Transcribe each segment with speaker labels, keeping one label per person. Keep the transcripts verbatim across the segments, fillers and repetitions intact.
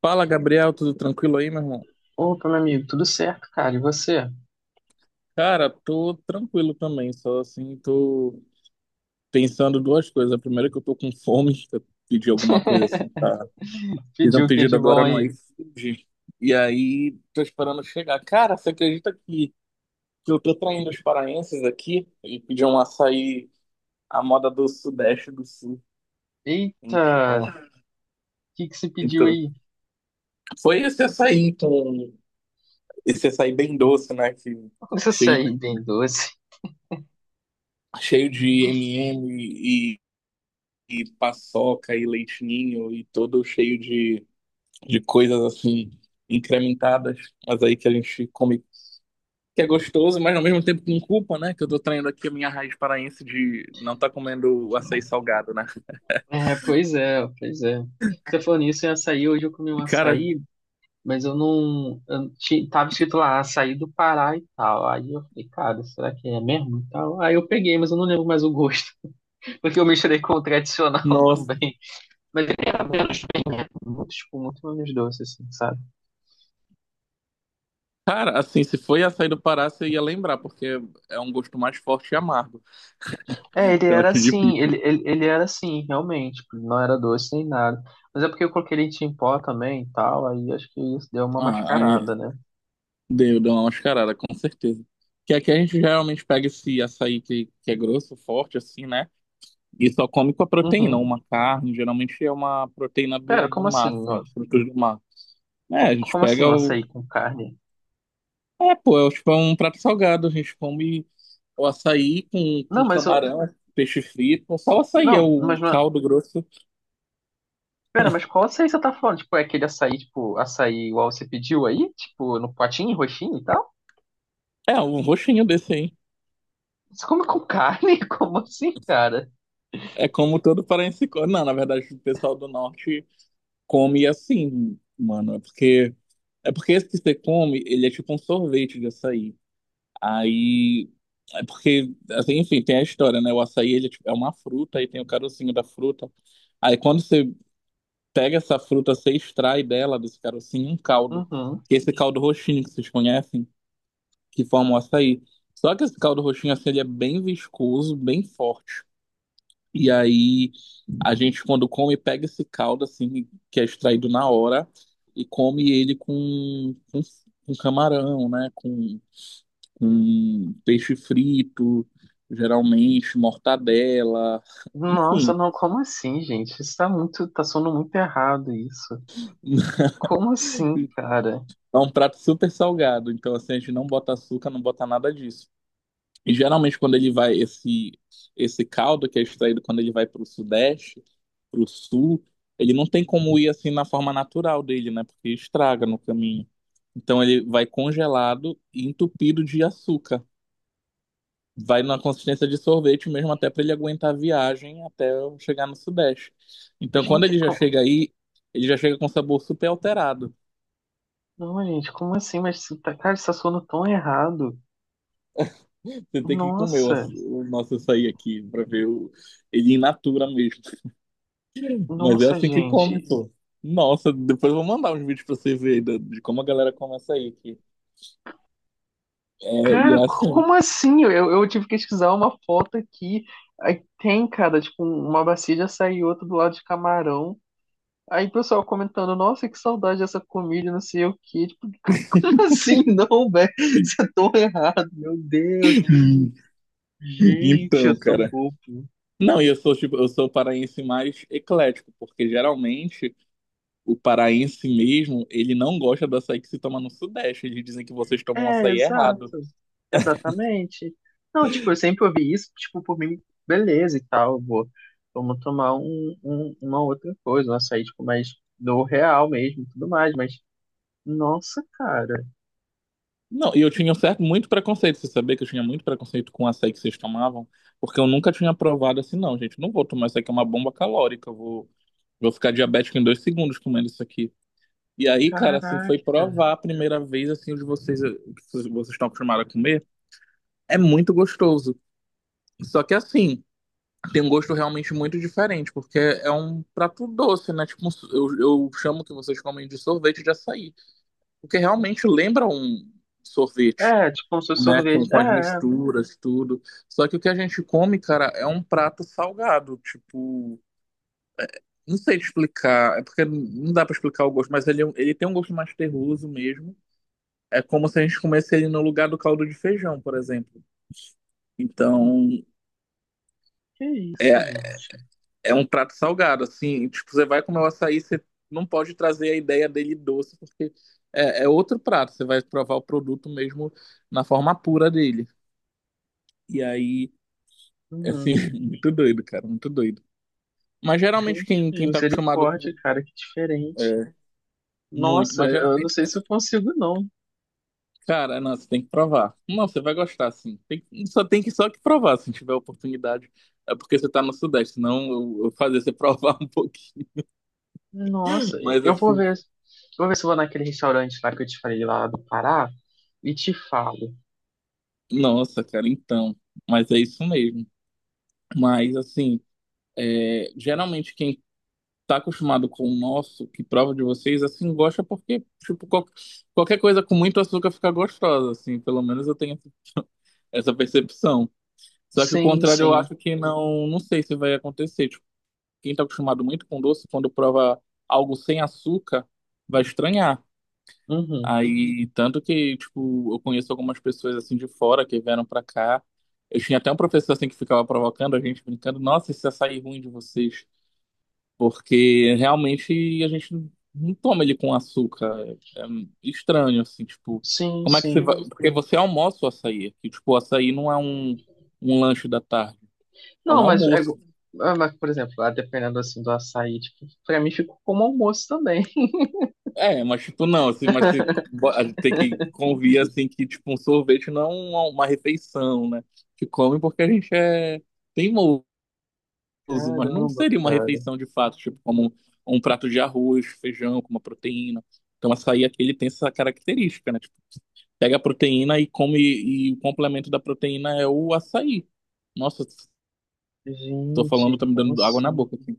Speaker 1: Fala, Gabriel, tudo tranquilo aí, meu irmão?
Speaker 2: Opa, meu amigo, tudo certo, cara? E você?
Speaker 1: Cara, tô tranquilo também, só assim, tô pensando duas coisas. A primeira é que eu tô com fome, eu pedi alguma coisa assim, tá? Fiz
Speaker 2: Pediu
Speaker 1: um
Speaker 2: o que
Speaker 1: pedido
Speaker 2: de
Speaker 1: agora
Speaker 2: bom
Speaker 1: no
Speaker 2: aí?
Speaker 1: iFood, e aí tô esperando chegar. Cara, você acredita que, que eu tô traindo os paraenses aqui e pedi um açaí à moda do Sudeste do Sul?
Speaker 2: Eita,
Speaker 1: Então,
Speaker 2: o que que você pediu
Speaker 1: então
Speaker 2: aí?
Speaker 1: foi esse açaí, então, esse açaí bem doce, né, que
Speaker 2: Um
Speaker 1: cheio,
Speaker 2: açaí bem doce.
Speaker 1: cheio de eme e eme e paçoca e leitinho e todo cheio de, de coisas assim incrementadas, mas aí que a gente come que é gostoso, mas ao mesmo tempo com culpa, né? Que eu tô traindo aqui a minha raiz paraense de não tá comendo açaí salgado, né?
Speaker 2: É, pois é, pois é. Você falou nisso em açaí, hoje eu comi um
Speaker 1: E, cara,
Speaker 2: açaí, mas eu não. Eu ti- tava escrito lá, açaí do Pará e tal. Aí eu falei, cara, será que é mesmo? E tal. Aí eu peguei, mas eu não lembro mais o gosto, porque eu misturei com o tradicional
Speaker 1: nossa.
Speaker 2: também. Mas ele era menos bem, né? Muito, tipo, muito menos doce, assim, sabe?
Speaker 1: Cara, assim, se foi açaí do Pará, você ia lembrar, porque é um gosto mais forte e amargo.
Speaker 2: É, ele
Speaker 1: Então
Speaker 2: era
Speaker 1: acho
Speaker 2: assim,
Speaker 1: difícil.
Speaker 2: ele, ele, ele era assim, realmente, tipo, ele não era doce nem nada. Mas é porque eu coloquei leite em pó também e tal, aí acho que isso deu uma
Speaker 1: Ah, aí
Speaker 2: mascarada, né?
Speaker 1: deu, deu uma mascarada, com certeza. Que aqui a gente geralmente pega esse açaí que, que é grosso, forte, assim, né? E só come com a proteína,
Speaker 2: Uhum.
Speaker 1: uma carne, geralmente é uma proteína do,
Speaker 2: Pera,
Speaker 1: do
Speaker 2: como
Speaker 1: mar,
Speaker 2: assim?
Speaker 1: assim,
Speaker 2: Ó?
Speaker 1: frutos do mar. É, a
Speaker 2: Co-
Speaker 1: gente
Speaker 2: Como assim
Speaker 1: pega
Speaker 2: o
Speaker 1: o.
Speaker 2: açaí com carne?
Speaker 1: É, pô, é tipo um prato salgado, a gente come o açaí com, com
Speaker 2: Não, mas eu.
Speaker 1: camarão, peixe frito, só o açaí, é
Speaker 2: Não,
Speaker 1: o
Speaker 2: mas não. É,
Speaker 1: caldo grosso.
Speaker 2: pera, mas qual açaí você tá falando? Tipo, é aquele açaí, tipo, açaí igual você pediu aí? Tipo, no potinho, roxinho e tal?
Speaker 1: É, um roxinho desse aí.
Speaker 2: Você come com carne? Como assim, cara?
Speaker 1: É como todo paraense come. Não, na verdade, o pessoal do norte come assim, mano. É porque, é porque esse que você come, ele é tipo um sorvete de açaí. Aí, é porque, assim, enfim, tem a história, né? O açaí, ele é tipo, é uma fruta, aí tem o carocinho da fruta. Aí, quando você pega essa fruta, você extrai dela, desse carocinho, um caldo.
Speaker 2: Uhum.
Speaker 1: Que é esse caldo roxinho que vocês conhecem, que forma o açaí. Só que esse caldo roxinho, assim, ele é bem viscoso, bem forte. E aí, a gente, quando come, pega esse caldo, assim, que é extraído na hora, e come ele com, com, com camarão, né? com com peixe frito, geralmente mortadela,
Speaker 2: Nossa,
Speaker 1: enfim.
Speaker 2: não, como assim, gente? Isso tá muito, tá soando muito errado isso. Como assim, cara?
Speaker 1: É um prato super salgado, então assim, a gente não bota açúcar, não bota nada disso. E geralmente quando ele vai, esse, esse caldo que é extraído quando ele vai para o sudeste, para o sul, ele não tem como ir assim na forma natural dele, né? Porque estraga no caminho. Então ele vai congelado e entupido de açúcar. Vai na consistência de sorvete mesmo até para ele aguentar a viagem até eu chegar no Sudeste. Então, quando
Speaker 2: Gente,
Speaker 1: ele já
Speaker 2: como...
Speaker 1: chega aí, ele já chega com sabor super alterado.
Speaker 2: Não, gente, como assim? Mas, você tá- cara, você tá soando tão errado.
Speaker 1: Você tem que comer o, aç-
Speaker 2: Nossa,
Speaker 1: o nosso açaí aqui para ver o, ele in natura mesmo. Mas é
Speaker 2: nossa,
Speaker 1: assim que come,
Speaker 2: gente.
Speaker 1: pô. Nossa, depois eu vou mandar uns vídeos pra você ver aí da- de como a galera come açaí aqui. É, e
Speaker 2: Cara,
Speaker 1: é
Speaker 2: co-
Speaker 1: assim.
Speaker 2: como assim? Eu, eu tive que pesquisar uma foto aqui. Aí tem, cara, tipo, um, uma bacia de açaí e outra do lado de camarão. Aí o pessoal comentando, nossa, que saudade dessa comida, não sei o quê. Tipo, como assim? Não, velho, você é tão errado, meu Deus. Gente, eu
Speaker 1: Então,
Speaker 2: tô
Speaker 1: cara.
Speaker 2: bobo.
Speaker 1: Não, e eu sou tipo, eu sou paraense mais eclético, porque geralmente o paraense mesmo, ele não gosta do açaí que se toma no Sudeste. Eles dizem que vocês tomam
Speaker 2: É,
Speaker 1: açaí errado.
Speaker 2: exato. Exatamente. Não, tipo, eu sempre ouvi isso, tipo, por mim, beleza e tal, vou, vamos tomar um, um- uma outra coisa, um açaí, tipo, mais do real mesmo, e tudo mais, mas, nossa, cara,
Speaker 1: Não, e eu tinha um certo muito preconceito. Você sabia que eu tinha muito preconceito com o açaí que vocês tomavam? Porque eu nunca tinha provado assim, não, gente. Não vou tomar isso aqui, é uma bomba calórica. Eu vou, vou ficar diabético em dois segundos comendo isso aqui. E aí, cara, assim, foi
Speaker 2: caraca.
Speaker 1: provar a primeira vez, assim, o de vocês, o que vocês estão acostumados a comer. É muito gostoso. Só que assim, tem um gosto realmente muito diferente, porque é um prato doce, né? Tipo, um so- eu, eu chamo que vocês comem de sorvete de açaí, porque realmente lembra um sorvete,
Speaker 2: É, tipo, como se fosse
Speaker 1: né? Com,
Speaker 2: sorvete. É,
Speaker 1: com as
Speaker 2: é,
Speaker 1: misturas, tudo. Só que o que a gente come, cara, é um prato salgado, tipo. Não sei te explicar, é porque não dá pra explicar o gosto, mas ele, é um, ele tem um gosto mais terroso mesmo. É como se a gente comesse ele no lugar do caldo de feijão, por exemplo. Então,
Speaker 2: que isso,
Speaker 1: é,
Speaker 2: gente.
Speaker 1: é um prato salgado, assim, tipo, você vai comer o açaí, você não pode trazer a ideia dele doce, porque é, é outro prato, você vai provar o produto mesmo na forma pura dele. E aí, assim,
Speaker 2: Uhum.
Speaker 1: muito doido, cara, muito doido. Mas geralmente
Speaker 2: Gente,
Speaker 1: quem, quem tá acostumado
Speaker 2: misericórdia,
Speaker 1: com.
Speaker 2: cara, que diferente.
Speaker 1: É, muito,
Speaker 2: Nossa,
Speaker 1: mas
Speaker 2: eu não
Speaker 1: geralmente,
Speaker 2: sei se eu consigo, não.
Speaker 1: cara, não, você tem que provar. Não, você vai gostar, assim. Tem, que- só tem que só que provar, se tiver oportunidade. É porque você tá no Sudeste, senão eu, eu fazer você provar um pouquinho.
Speaker 2: Nossa,
Speaker 1: Mas
Speaker 2: eu vou
Speaker 1: assim,
Speaker 2: ver, vou ver se eu vou naquele restaurante lá que eu te falei lá do Pará e te falo.
Speaker 1: nossa, cara, então. Mas é isso mesmo. Mas, assim, é, geralmente quem tá acostumado com o nosso, que prova de vocês, assim, gosta porque, tipo, qual- qualquer coisa com muito açúcar fica gostosa, assim, pelo menos eu tenho essa essa percepção. Só que o
Speaker 2: Sim,
Speaker 1: contrário eu
Speaker 2: sim.
Speaker 1: acho que não, não sei se vai acontecer. Tipo, quem tá acostumado muito com doce, quando prova algo sem açúcar, vai estranhar.
Speaker 2: Uhum.
Speaker 1: Aí, tanto que, tipo, eu conheço algumas pessoas assim de fora que vieram pra cá. Eu tinha até um professor assim que ficava provocando a gente, brincando, nossa, esse açaí ruim de vocês. Porque realmente a gente não toma ele com açúcar. É, é estranho, assim, tipo,
Speaker 2: Sim,
Speaker 1: como é que você
Speaker 2: sim.
Speaker 1: vai. Porque você almoça o açaí aqui. Tipo, o açaí não é um, um lanche da tarde, é
Speaker 2: Não,
Speaker 1: um
Speaker 2: mas é,
Speaker 1: almoço.
Speaker 2: igu- Ah, mas, por exemplo, lá dependendo assim do açaí, tipo, pra mim ficou como almoço também.
Speaker 1: É, mas tipo, não, assim, mas você bo- a gente tem que convir assim que, tipo, um sorvete não é uma, uma refeição, né? Que come porque a gente é teimoso, mas não
Speaker 2: Caramba,
Speaker 1: seria uma
Speaker 2: cara.
Speaker 1: refeição de fato, tipo, como um, um prato de arroz, feijão, com uma proteína. Então, açaí aqui ele tem essa característica, né? Tipo, pega a proteína e come, e o complemento da proteína é o açaí. Nossa, tô falando,
Speaker 2: Gente,
Speaker 1: tá me
Speaker 2: como
Speaker 1: dando água na
Speaker 2: assim?
Speaker 1: boca, assim.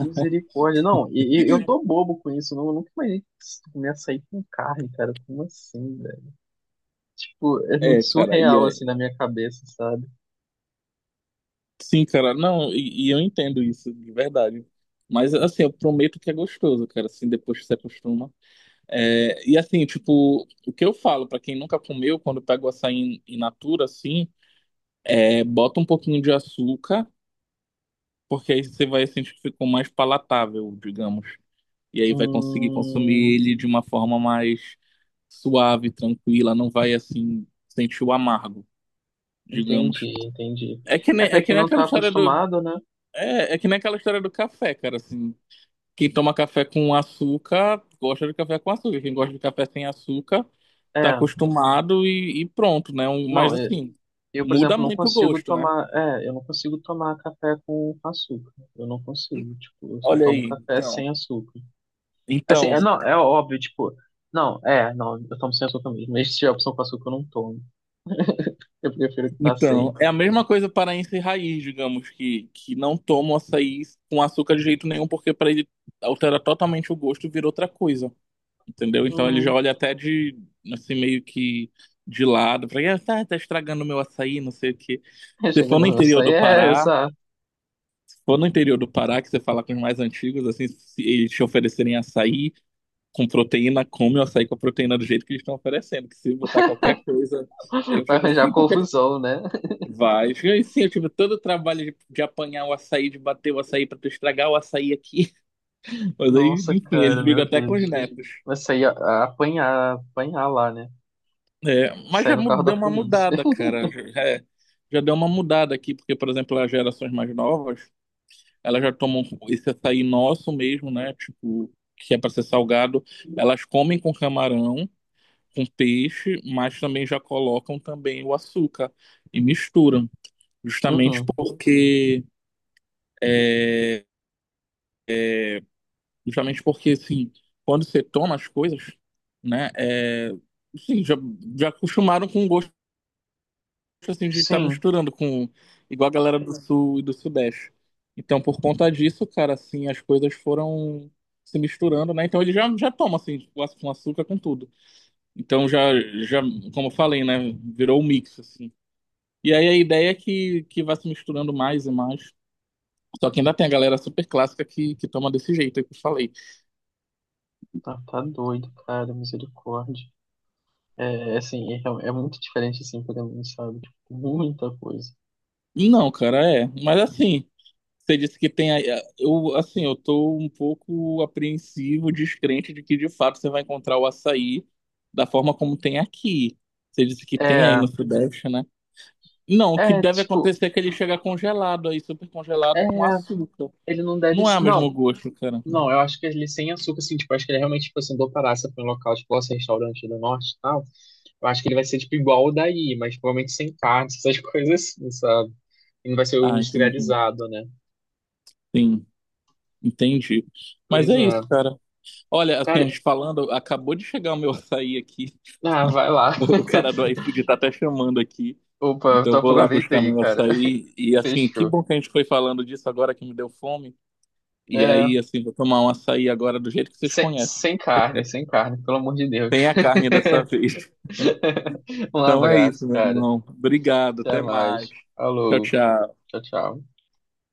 Speaker 2: Misericórdia. Não, e, e eu tô bobo com isso. Não, eu nunca imaginei comer açaí com carne, cara. Como assim, velho? Tipo, é muito
Speaker 1: É, cara, e
Speaker 2: surreal assim
Speaker 1: é...
Speaker 2: na minha cabeça, sabe?
Speaker 1: Sim, cara, não, e, e eu entendo isso, de verdade. Mas, assim, eu prometo que é gostoso, cara, assim, depois que você acostuma. É, e, assim, tipo, o que eu falo pra quem nunca comeu, quando pega o açaí in in natura, assim, é bota um pouquinho de açúcar, porque aí você vai sentir que ficou mais palatável, digamos. E aí vai conseguir consumir
Speaker 2: Hum.
Speaker 1: ele de uma forma mais suave, tranquila, não vai assim sentir o amargo, digamos.
Speaker 2: Entendi, entendi.
Speaker 1: É que
Speaker 2: É,
Speaker 1: nem,
Speaker 2: pra
Speaker 1: é que
Speaker 2: quem
Speaker 1: nem
Speaker 2: não
Speaker 1: aquela
Speaker 2: tá
Speaker 1: história do
Speaker 2: acostumado, né?
Speaker 1: é, é que nem aquela história do café, cara, assim, quem toma café com açúcar gosta de café com açúcar, quem gosta de café sem açúcar tá
Speaker 2: É,
Speaker 1: acostumado e, e pronto, né? Um- Mas
Speaker 2: não, eu,
Speaker 1: assim,
Speaker 2: eu, por
Speaker 1: muda
Speaker 2: exemplo, não
Speaker 1: muito o
Speaker 2: consigo
Speaker 1: gosto, né?
Speaker 2: tomar, é, eu não consigo tomar café com com açúcar. Eu não consigo, tipo, eu só
Speaker 1: Olha
Speaker 2: tomo
Speaker 1: aí,
Speaker 2: café
Speaker 1: então.
Speaker 2: sem açúcar. Assim,
Speaker 1: Então,
Speaker 2: é, não, é óbvio, tipo, não, é, não, eu tomo sem açúcar mesmo. Mas se tiver opção com açúcar, eu não tomo. Eu prefiro que tá
Speaker 1: então,
Speaker 2: sem.
Speaker 1: é a mesma coisa paraense raiz, digamos, que, que não toma o açaí com açúcar de jeito nenhum, porque para ele altera totalmente o gosto e vira outra coisa, entendeu? Então ele já
Speaker 2: Hum,
Speaker 1: olha até de, assim, meio que de lado, para ele, ah, tá, tá estragando o meu açaí, não sei o quê. Se for
Speaker 2: chegando
Speaker 1: no
Speaker 2: no meu
Speaker 1: interior
Speaker 2: sonho,
Speaker 1: do
Speaker 2: é
Speaker 1: Pará,
Speaker 2: essa,
Speaker 1: se for no interior do Pará, que você fala com os mais antigos, assim, se eles te oferecerem açaí com proteína, come o açaí com a proteína do jeito que eles estão oferecendo, que se botar qualquer coisa, aí eu
Speaker 2: vai
Speaker 1: fico
Speaker 2: arranjar
Speaker 1: assim,
Speaker 2: confusão, né?
Speaker 1: vai. Fica assim, eu tive todo o trabalho de, de apanhar o açaí, de bater o açaí pra tu estragar o açaí aqui. Mas aí,
Speaker 2: Nossa,
Speaker 1: enfim, eles
Speaker 2: cara, meu
Speaker 1: brigam até com
Speaker 2: Deus.
Speaker 1: os netos.
Speaker 2: Vai sair a- a apanhar, apanhar lá, né?
Speaker 1: É, mas
Speaker 2: Sair
Speaker 1: já
Speaker 2: no
Speaker 1: mu-
Speaker 2: carro
Speaker 1: deu
Speaker 2: da
Speaker 1: uma
Speaker 2: polícia.
Speaker 1: mudada, cara. Já, é, já deu uma mudada aqui, porque, por exemplo, as gerações mais novas, elas já tomam esse açaí nosso mesmo, né? Tipo, que é para ser salgado. Elas comem com camarão, com peixe, mas também já colocam também o açúcar e misturam. Justamente
Speaker 2: Uhum.
Speaker 1: porque. É, justamente porque, assim, quando você toma as coisas, né, é, sim, já, já acostumaram com o gosto, assim, de estar
Speaker 2: Sim,
Speaker 1: misturando com, igual a galera do Sul e do Sudeste. Então, por conta disso, cara, assim, as coisas foram se misturando, né, então ele já, já toma, assim, com aç- com açúcar, com tudo. Então, já, já, como eu falei, né, virou um mix, assim. E aí a ideia é que, que vai se misturando mais e mais. Só que ainda tem a galera super clássica que, que toma desse jeito aí que eu falei.
Speaker 2: tá, tá doido, cara, misericórdia. É, assim, é, real- é muito diferente, assim, pra mim, sabe? Tipo, muita coisa.
Speaker 1: Não, cara, é. Mas assim. Você disse que tem. Aí- eh, eu, assim, eu tô um pouco apreensivo, descrente de que de fato você vai encontrar o açaí da forma como tem aqui. Você disse que tem aí
Speaker 2: É,
Speaker 1: no Sudeste, né? Não, o que
Speaker 2: é,
Speaker 1: deve
Speaker 2: tipo,
Speaker 1: acontecer é que ele chega congelado aí, super
Speaker 2: é,
Speaker 1: congelado com açúcar.
Speaker 2: ele não deve...
Speaker 1: Não é o
Speaker 2: se- Não,
Speaker 1: mesmo gosto, cara.
Speaker 2: não, eu acho que ele sem açúcar, assim, tipo, acho que ele realmente, tipo, assim, do Pará, se for um local, tipo, nosso restaurante do norte e tal, eu acho que ele vai ser, tipo, igual o daí, mas provavelmente sem carne, essas coisas assim, sabe? E não vai ser o
Speaker 1: Ah, entendi.
Speaker 2: industrializado, né?
Speaker 1: Sim, entendi. Mas
Speaker 2: Pois
Speaker 1: é
Speaker 2: é.
Speaker 1: isso, cara. Olha, assim, a
Speaker 2: Cara,
Speaker 1: gente falando, acabou de chegar o meu açaí aqui.
Speaker 2: ah, vai lá.
Speaker 1: O cara do iFood tá até chamando aqui.
Speaker 2: Opa, eu
Speaker 1: Então
Speaker 2: tô
Speaker 1: eu vou lá
Speaker 2: aproveita
Speaker 1: buscar
Speaker 2: aí,
Speaker 1: meu
Speaker 2: cara.
Speaker 1: açaí. E assim, que
Speaker 2: Fechou.
Speaker 1: bom que a gente foi falando disso agora que me deu fome. E
Speaker 2: É,
Speaker 1: aí, assim, vou tomar um açaí agora do jeito que vocês
Speaker 2: sem
Speaker 1: conhecem.
Speaker 2: sem carne, sem carne, pelo amor de Deus.
Speaker 1: Sem a carne dessa vez.
Speaker 2: Um
Speaker 1: Então é isso,
Speaker 2: abraço,
Speaker 1: meu
Speaker 2: cara.
Speaker 1: irmão. Obrigado,
Speaker 2: Até
Speaker 1: até mais.
Speaker 2: mais.
Speaker 1: Tchau,
Speaker 2: Falou.
Speaker 1: tchau.
Speaker 2: Tchau, tchau.